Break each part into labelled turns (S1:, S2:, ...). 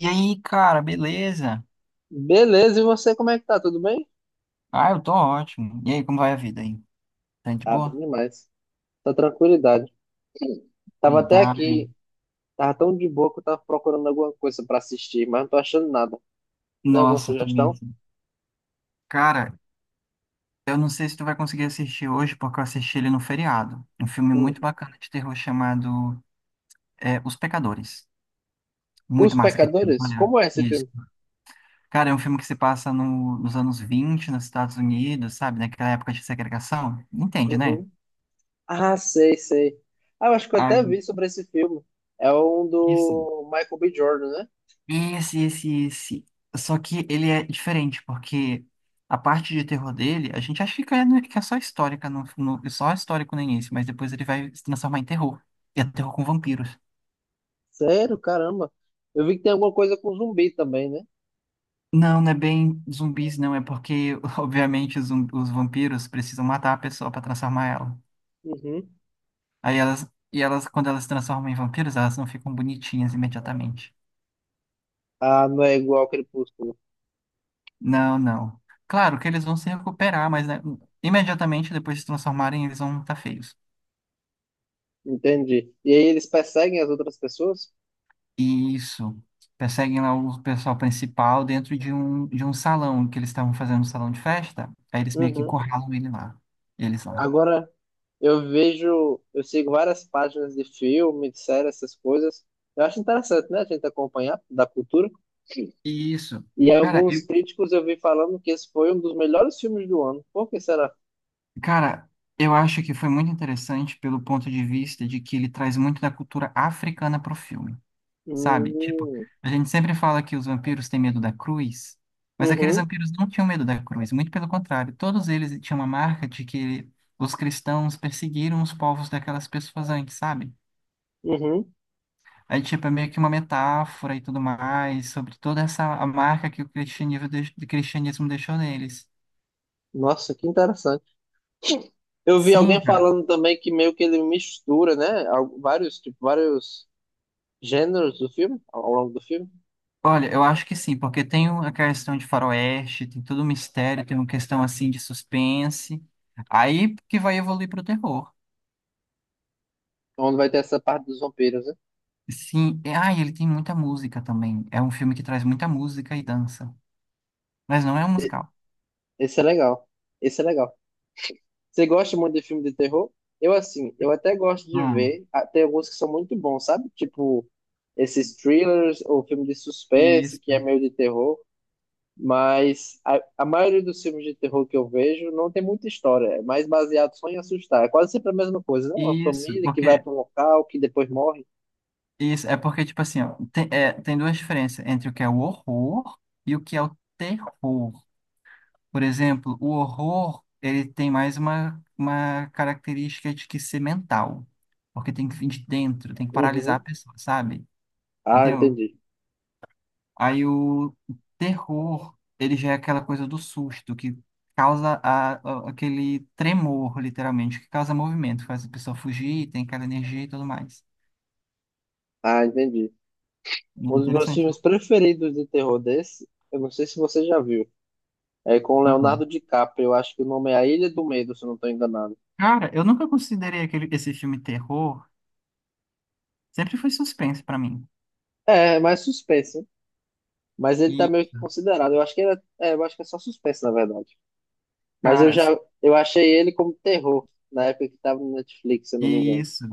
S1: E aí, cara, beleza?
S2: Beleza, e você como é que tá? Tudo bem?
S1: Ah, eu tô ótimo. E aí, como vai a vida aí? Tá de
S2: Tá bem
S1: boa?
S2: demais. Tá tranquilidade. Tava até
S1: Verdade.
S2: aqui, tava tão de boa que eu tava procurando alguma coisa pra assistir, mas não tô achando nada. Tem alguma
S1: Nossa, tô bem.
S2: sugestão?
S1: Cara, eu não sei se tu vai conseguir assistir hoje, porque eu assisti ele no feriado. Um filme muito
S2: Hum.
S1: bacana de terror chamado é, Os Pecadores.
S2: Os
S1: Muito massa aquele filme,
S2: Pecadores?
S1: olha.
S2: Como é esse
S1: Isso.
S2: filme?
S1: Cara, é um filme que se passa nos anos 20, nos Estados Unidos, sabe? Naquela época de segregação. Entende, né?
S2: Uhum. Ah, sei, sei. Ah, eu acho que eu até
S1: Aí,
S2: vi sobre esse filme. É um
S1: isso.
S2: do Michael B. Jordan, né?
S1: Esse. Só que ele é diferente, porque a parte de terror dele, a gente acha que é, né, que é só histórica, só histórico no início, mas depois ele vai se transformar em terror. E é terror com vampiros.
S2: Sério, caramba. Eu vi que tem alguma coisa com zumbi também, né?
S1: Não, não é bem zumbis, não. É porque, obviamente, os vampiros precisam matar a pessoa para transformar ela.
S2: Uhum.
S1: Aí elas, e elas, quando elas se transformam em vampiros, elas não ficam bonitinhas imediatamente.
S2: Ah, não é igual ao Crepúsculo.
S1: Não, não. Claro que eles vão se recuperar, mas né, imediatamente depois de se transformarem, eles vão estar feios.
S2: Entendi. E aí eles perseguem as outras pessoas?
S1: Isso. Perseguem lá o pessoal principal dentro de um salão que eles estavam fazendo um salão de festa. Aí eles meio que
S2: Uhum.
S1: encurralam ele lá. Eles lá.
S2: Agora eu sigo várias páginas de filme, de série, essas coisas. Eu acho interessante, né, a gente acompanhar da cultura.
S1: Isso.
S2: E
S1: Cara,
S2: alguns
S1: eu,
S2: críticos eu vi falando que esse foi um dos melhores filmes do ano. Por que será?
S1: cara, eu acho que foi muito interessante pelo ponto de vista de que ele traz muito da cultura africana pro filme, sabe? Tipo,
S2: Hum,
S1: a gente sempre fala que os vampiros têm medo da cruz, mas aqueles
S2: uhum,
S1: vampiros não tinham medo da cruz, muito pelo contrário, todos eles tinham uma marca de que os cristãos perseguiram os povos daquelas pessoas antes, sabe?
S2: uhum.
S1: Aí, tipo, é meio que uma metáfora e tudo mais, sobre toda essa a marca que o cristianismo, o cristianismo deixou neles.
S2: Nossa, que interessante. Eu vi
S1: Sim,
S2: alguém
S1: cara.
S2: falando também que meio que ele mistura, né, tipo, vários gêneros do filme, ao longo do filme.
S1: Olha, eu acho que sim, porque tem a questão de faroeste, tem todo o mistério, tem uma questão, assim, de suspense. Aí que vai evoluir para o terror.
S2: Então, onde vai ter essa parte dos vampiros, né?
S1: Sim, e ele tem muita música também. É um filme que traz muita música e dança, mas não é um musical.
S2: Esse é legal. Esse é legal. Você gosta muito de filme de terror? Eu, assim, eu até gosto de
S1: Hum,
S2: ver. Ah, tem alguns que são muito bons, sabe? Tipo, esses thrillers ou filme de suspense,
S1: isso,
S2: que é meio de terror. Mas a maioria dos filmes de terror que eu vejo não tem muita história. É mais baseado só em assustar. É quase sempre a mesma coisa, né? Uma
S1: isso,
S2: família que vai
S1: porque
S2: para um local, que depois morre.
S1: isso, é porque, tipo assim, ó, tem, é, tem duas diferenças entre o que é o horror e o que é o terror. Por exemplo, o horror, ele tem mais uma característica de que ser mental, porque tem que vir de dentro, tem que paralisar a
S2: Uhum.
S1: pessoa, sabe?
S2: Ah,
S1: Entendeu?
S2: entendi.
S1: Aí o terror, ele já é aquela coisa do susto, que causa aquele tremor, literalmente, que causa movimento, faz a pessoa fugir, tem aquela energia e tudo mais.
S2: Ah, entendi. Um dos meus
S1: Interessante,
S2: filmes preferidos de terror desse, eu não sei se você já viu, é com o Leonardo
S1: né?
S2: DiCaprio. Eu acho que o nome é A Ilha do Medo, se eu não estou enganado.
S1: Cara, eu nunca considerei aquele, esse filme terror. Sempre foi suspense pra mim.
S2: É, é mais suspense. Mas ele tá
S1: E,
S2: meio que considerado. Eu acho que ele é, é, eu acho que é só suspense, na verdade. Mas
S1: cara,
S2: eu achei ele como terror na época que tava no Netflix, se eu não me engano.
S1: isso.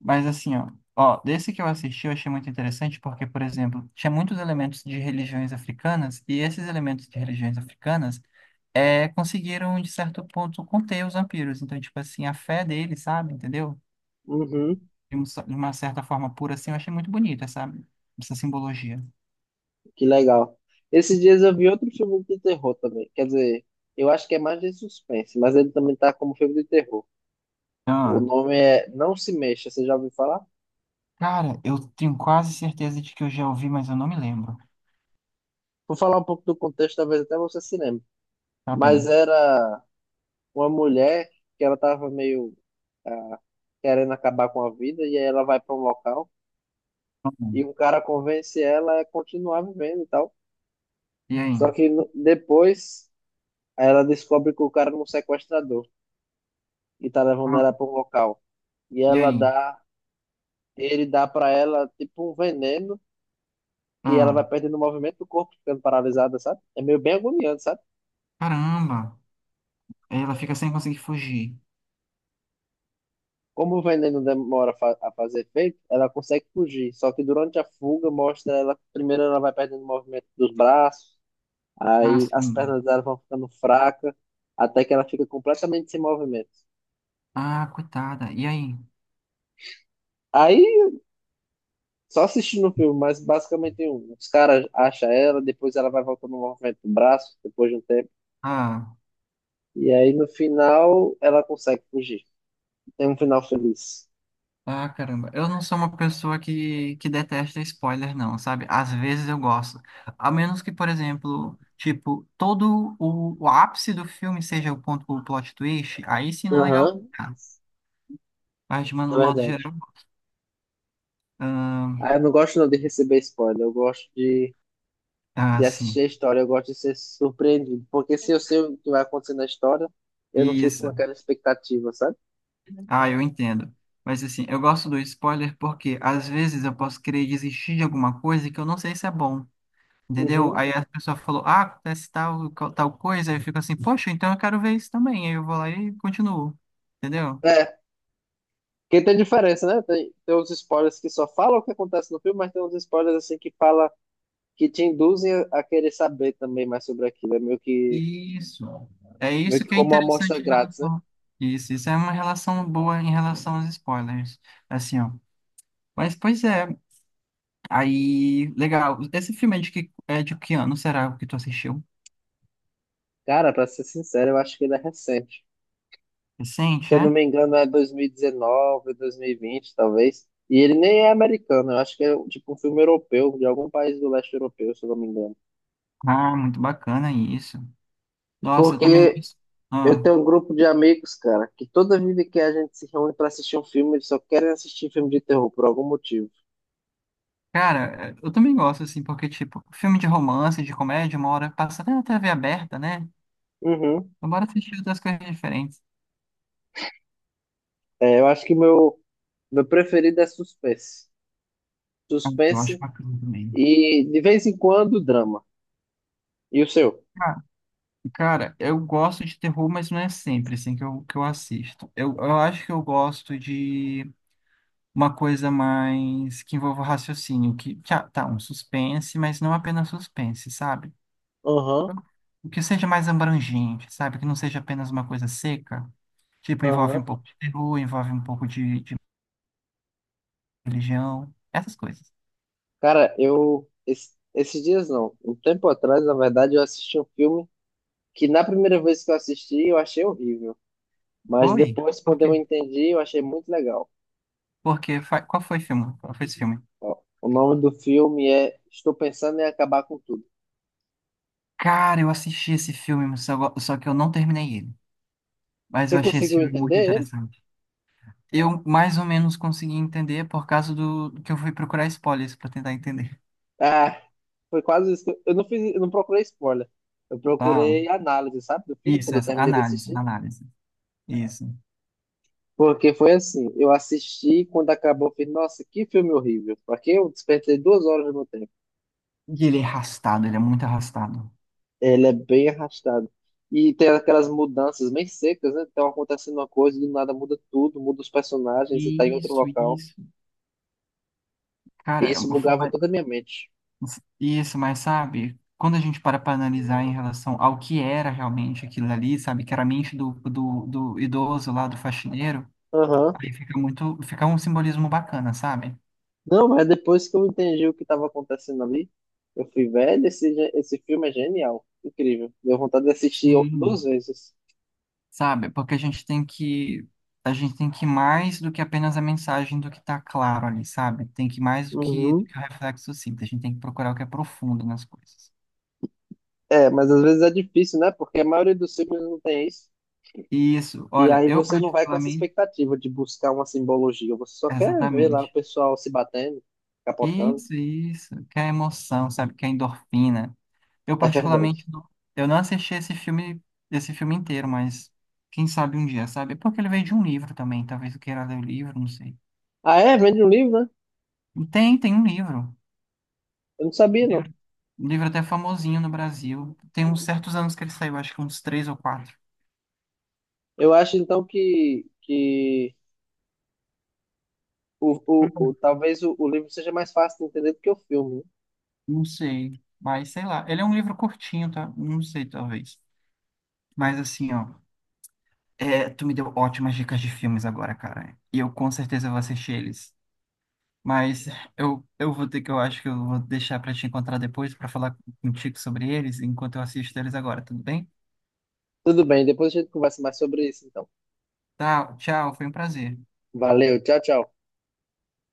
S1: Mas assim, ó, ó, desse que eu assisti eu achei muito interessante porque, por exemplo, tinha muitos elementos de religiões africanas e esses elementos de religiões africanas é, conseguiram, de certo ponto, conter os vampiros. Então, tipo assim, a fé deles, sabe? Entendeu?
S2: Uhum,
S1: De uma certa forma pura, assim, eu achei muito bonita essa, essa simbologia.
S2: que legal. Esses dias eu vi outro filme de terror também. Quer dizer, eu acho que é mais de suspense, mas ele também tá como filme de terror. O
S1: Ah,
S2: nome é Não Se Mexa, você já ouviu falar?
S1: cara, eu tenho quase certeza de que eu já ouvi, mas eu não me lembro.
S2: Vou falar um pouco do contexto, talvez até você se lembre.
S1: Tá
S2: Mas
S1: bem.
S2: era uma mulher que ela tava meio ah, querendo acabar com a vida, e aí ela vai para um local e
S1: Hum.
S2: um cara convence ela a continuar vivendo e tal.
S1: E aí?
S2: Só que depois ela descobre que o cara é um sequestrador e tá levando
S1: Ah,
S2: ela para um local. E
S1: e
S2: ela
S1: aí?
S2: dá, ele dá para ela tipo um veneno que ela vai
S1: Ah,
S2: perdendo o movimento do corpo, ficando paralisada, sabe? É meio bem agoniante, sabe?
S1: caramba! Aí ela fica sem conseguir fugir.
S2: Como o veneno demora a fazer efeito, ela consegue fugir. Só que durante a fuga mostra ela, primeiro ela vai perdendo o movimento dos braços,
S1: Ah,
S2: aí as
S1: sim.
S2: pernas dela vão ficando fracas, até que ela fica completamente sem movimento.
S1: Ah, coitada. E aí?
S2: Aí, só assistindo o filme, mas basicamente tem os caras acham ela, depois ela vai voltando o movimento do braço, depois de um tempo.
S1: Ah,
S2: E aí no final ela consegue fugir. Tem um final feliz.
S1: ah, caramba. Eu não sou uma pessoa que detesta spoiler, não, sabe? Às vezes eu gosto. A menos que, por exemplo, tipo, todo o ápice do filme seja o ponto, o plot twist, aí sim não é legal.
S2: Aham,
S1: Ah, mas, de
S2: é
S1: modo modo geral,
S2: verdade.
S1: ah,
S2: Ah, eu não gosto não de receber spoiler, eu gosto de de assistir
S1: sim.
S2: a história, eu gosto de ser surpreendido, porque se eu sei o que vai acontecer na história, eu não fico com
S1: Isso.
S2: aquela expectativa, sabe?
S1: Ah, eu entendo. Mas assim, eu gosto do spoiler porque às vezes eu posso querer desistir de alguma coisa que eu não sei se é bom, entendeu?
S2: Uhum.
S1: Aí a pessoa falou, ah, acontece tal, tal coisa, aí eu fico assim, poxa, então eu quero ver isso também. Aí eu vou lá e continuo, entendeu?
S2: É, porque tem diferença, né? Tem uns spoilers que só falam o que acontece no filme, mas tem uns spoilers assim que fala que te induzem a querer saber também mais sobre aquilo. É meio que,
S1: Isso. É
S2: meio
S1: isso
S2: que
S1: que é
S2: como uma amostra
S1: interessante em
S2: grátis, né?
S1: relação. Isso é uma relação boa em relação aos spoilers. Assim, ó. Mas pois é, aí, legal. Esse filme é é de que ano será o que tu assistiu?
S2: Cara, pra ser sincero, eu acho que ele é recente. Se
S1: Recente,
S2: eu não
S1: é?
S2: me engano, é dois mil e dezenove, 2020, talvez. E ele nem é americano, eu acho que é tipo um filme europeu, de algum país do leste europeu, se eu não me engano.
S1: Ah, muito bacana isso. Nossa, eu também
S2: Porque
S1: gosto.
S2: eu
S1: Ah,
S2: tenho um grupo de amigos, cara, que toda vida que a gente se reúne pra assistir um filme, eles só querem assistir filme de terror por algum motivo.
S1: cara, eu também gosto, assim, porque, tipo, filme de romance, de comédia, uma hora passa até na TV aberta, né?
S2: Uhum.
S1: Então, bora assistir outras coisas diferentes.
S2: É, eu acho que meu preferido é suspense.
S1: Ah, eu acho
S2: Suspense
S1: bacana também.
S2: e, de vez em quando, drama. E o seu?
S1: Ah, cara, eu gosto de terror, mas não é sempre, assim, que eu assisto. Eu acho que eu gosto de uma coisa mais que envolva raciocínio, que, um suspense, mas não apenas suspense, sabe?
S2: Aham,
S1: O que seja mais abrangente, sabe? Que não seja apenas uma coisa seca. Tipo, envolve um
S2: aham.
S1: pouco de peru, envolve um pouco de religião, essas coisas.
S2: Cara, esses dias não. Um tempo atrás, na verdade, eu assisti um filme que, na primeira vez que eu assisti, eu achei horrível. Mas
S1: Oi?
S2: depois,
S1: Por
S2: quando eu
S1: quê?
S2: entendi, eu achei muito legal.
S1: Porque, qual foi o filme? Qual foi esse filme?
S2: Ó, o nome do filme é Estou Pensando em Acabar com Tudo.
S1: Cara, eu assisti esse filme, mas só, que eu não terminei ele. Mas
S2: Você
S1: eu achei esse
S2: conseguiu
S1: filme muito
S2: entender ele?
S1: interessante. Eu mais ou menos consegui entender por causa do que eu fui procurar spoilers para tentar entender.
S2: Ah, foi quase isso, que eu não fiz, eu não procurei spoiler. Eu
S1: Uau.
S2: procurei análise, sabe, do filme
S1: Isso,
S2: quando eu
S1: essa
S2: terminei de
S1: análise,
S2: assistir.
S1: análise. Isso.
S2: Porque foi assim, eu assisti quando acabou, eu falei, nossa, que filme horrível. Porque eu despertei 2 horas do meu tempo.
S1: E ele é arrastado, ele é muito arrastado.
S2: Ele é bem arrastado. E tem aquelas mudanças bem secas, né? Então acontecendo uma coisa, do nada muda tudo, muda os personagens e tá em outro
S1: Isso,
S2: local.
S1: isso.
S2: E
S1: Cara,
S2: isso
S1: eu fui
S2: bugava toda a minha mente.
S1: isso, mas sabe, quando a gente para analisar em relação ao que era realmente aquilo ali, sabe, que era a mente do idoso lá, do faxineiro,
S2: Aham,
S1: aí fica muito, fica um simbolismo bacana, sabe?
S2: não, mas depois que eu entendi o que estava acontecendo ali, eu fui, velho, esse filme é genial, incrível. Deu vontade de assistir
S1: Sim,
S2: duas vezes.
S1: sabe, porque a gente tem que ir mais do que apenas a mensagem do que tá claro ali, sabe? Tem que ir mais do
S2: Uhum.
S1: que o reflexo simples, a gente tem que procurar o que é profundo nas coisas.
S2: É, mas às vezes é difícil, né? Porque a maioria dos filmes não tem isso.
S1: Isso,
S2: E
S1: olha,
S2: aí
S1: eu
S2: você não vai com essa
S1: particularmente,
S2: expectativa de buscar uma simbologia. Você só quer ver lá o
S1: exatamente.
S2: pessoal se batendo, capotando.
S1: Isso, que é emoção, sabe, que é endorfina. Eu
S2: É verdade.
S1: particularmente não, eu não assisti esse filme inteiro, mas quem sabe um dia, sabe? Porque ele veio de um livro também, talvez eu queira ler o livro, não sei.
S2: Ah, é? Vende um livro, né?
S1: Tem um livro,
S2: Eu não sabia,
S1: um
S2: não.
S1: livro, um livro até famosinho no Brasil. Tem uns certos anos que ele saiu, acho que uns três ou quatro.
S2: Eu acho, então, que talvez o livro seja mais fácil de entender do que o filme, né?
S1: Não sei, mas sei lá. Ele é um livro curtinho, tá? Não sei, talvez. Mas assim, ó, é, tu me deu ótimas dicas de filmes agora, cara. E eu com certeza vou assistir eles. Mas eu vou ter que, eu acho que eu vou deixar para te encontrar depois para falar contigo sobre eles, enquanto eu assisto eles agora, tudo bem?
S2: Tudo bem, depois a gente conversa mais sobre isso, então.
S1: Tá, tchau, foi um prazer.
S2: Valeu, tchau, tchau.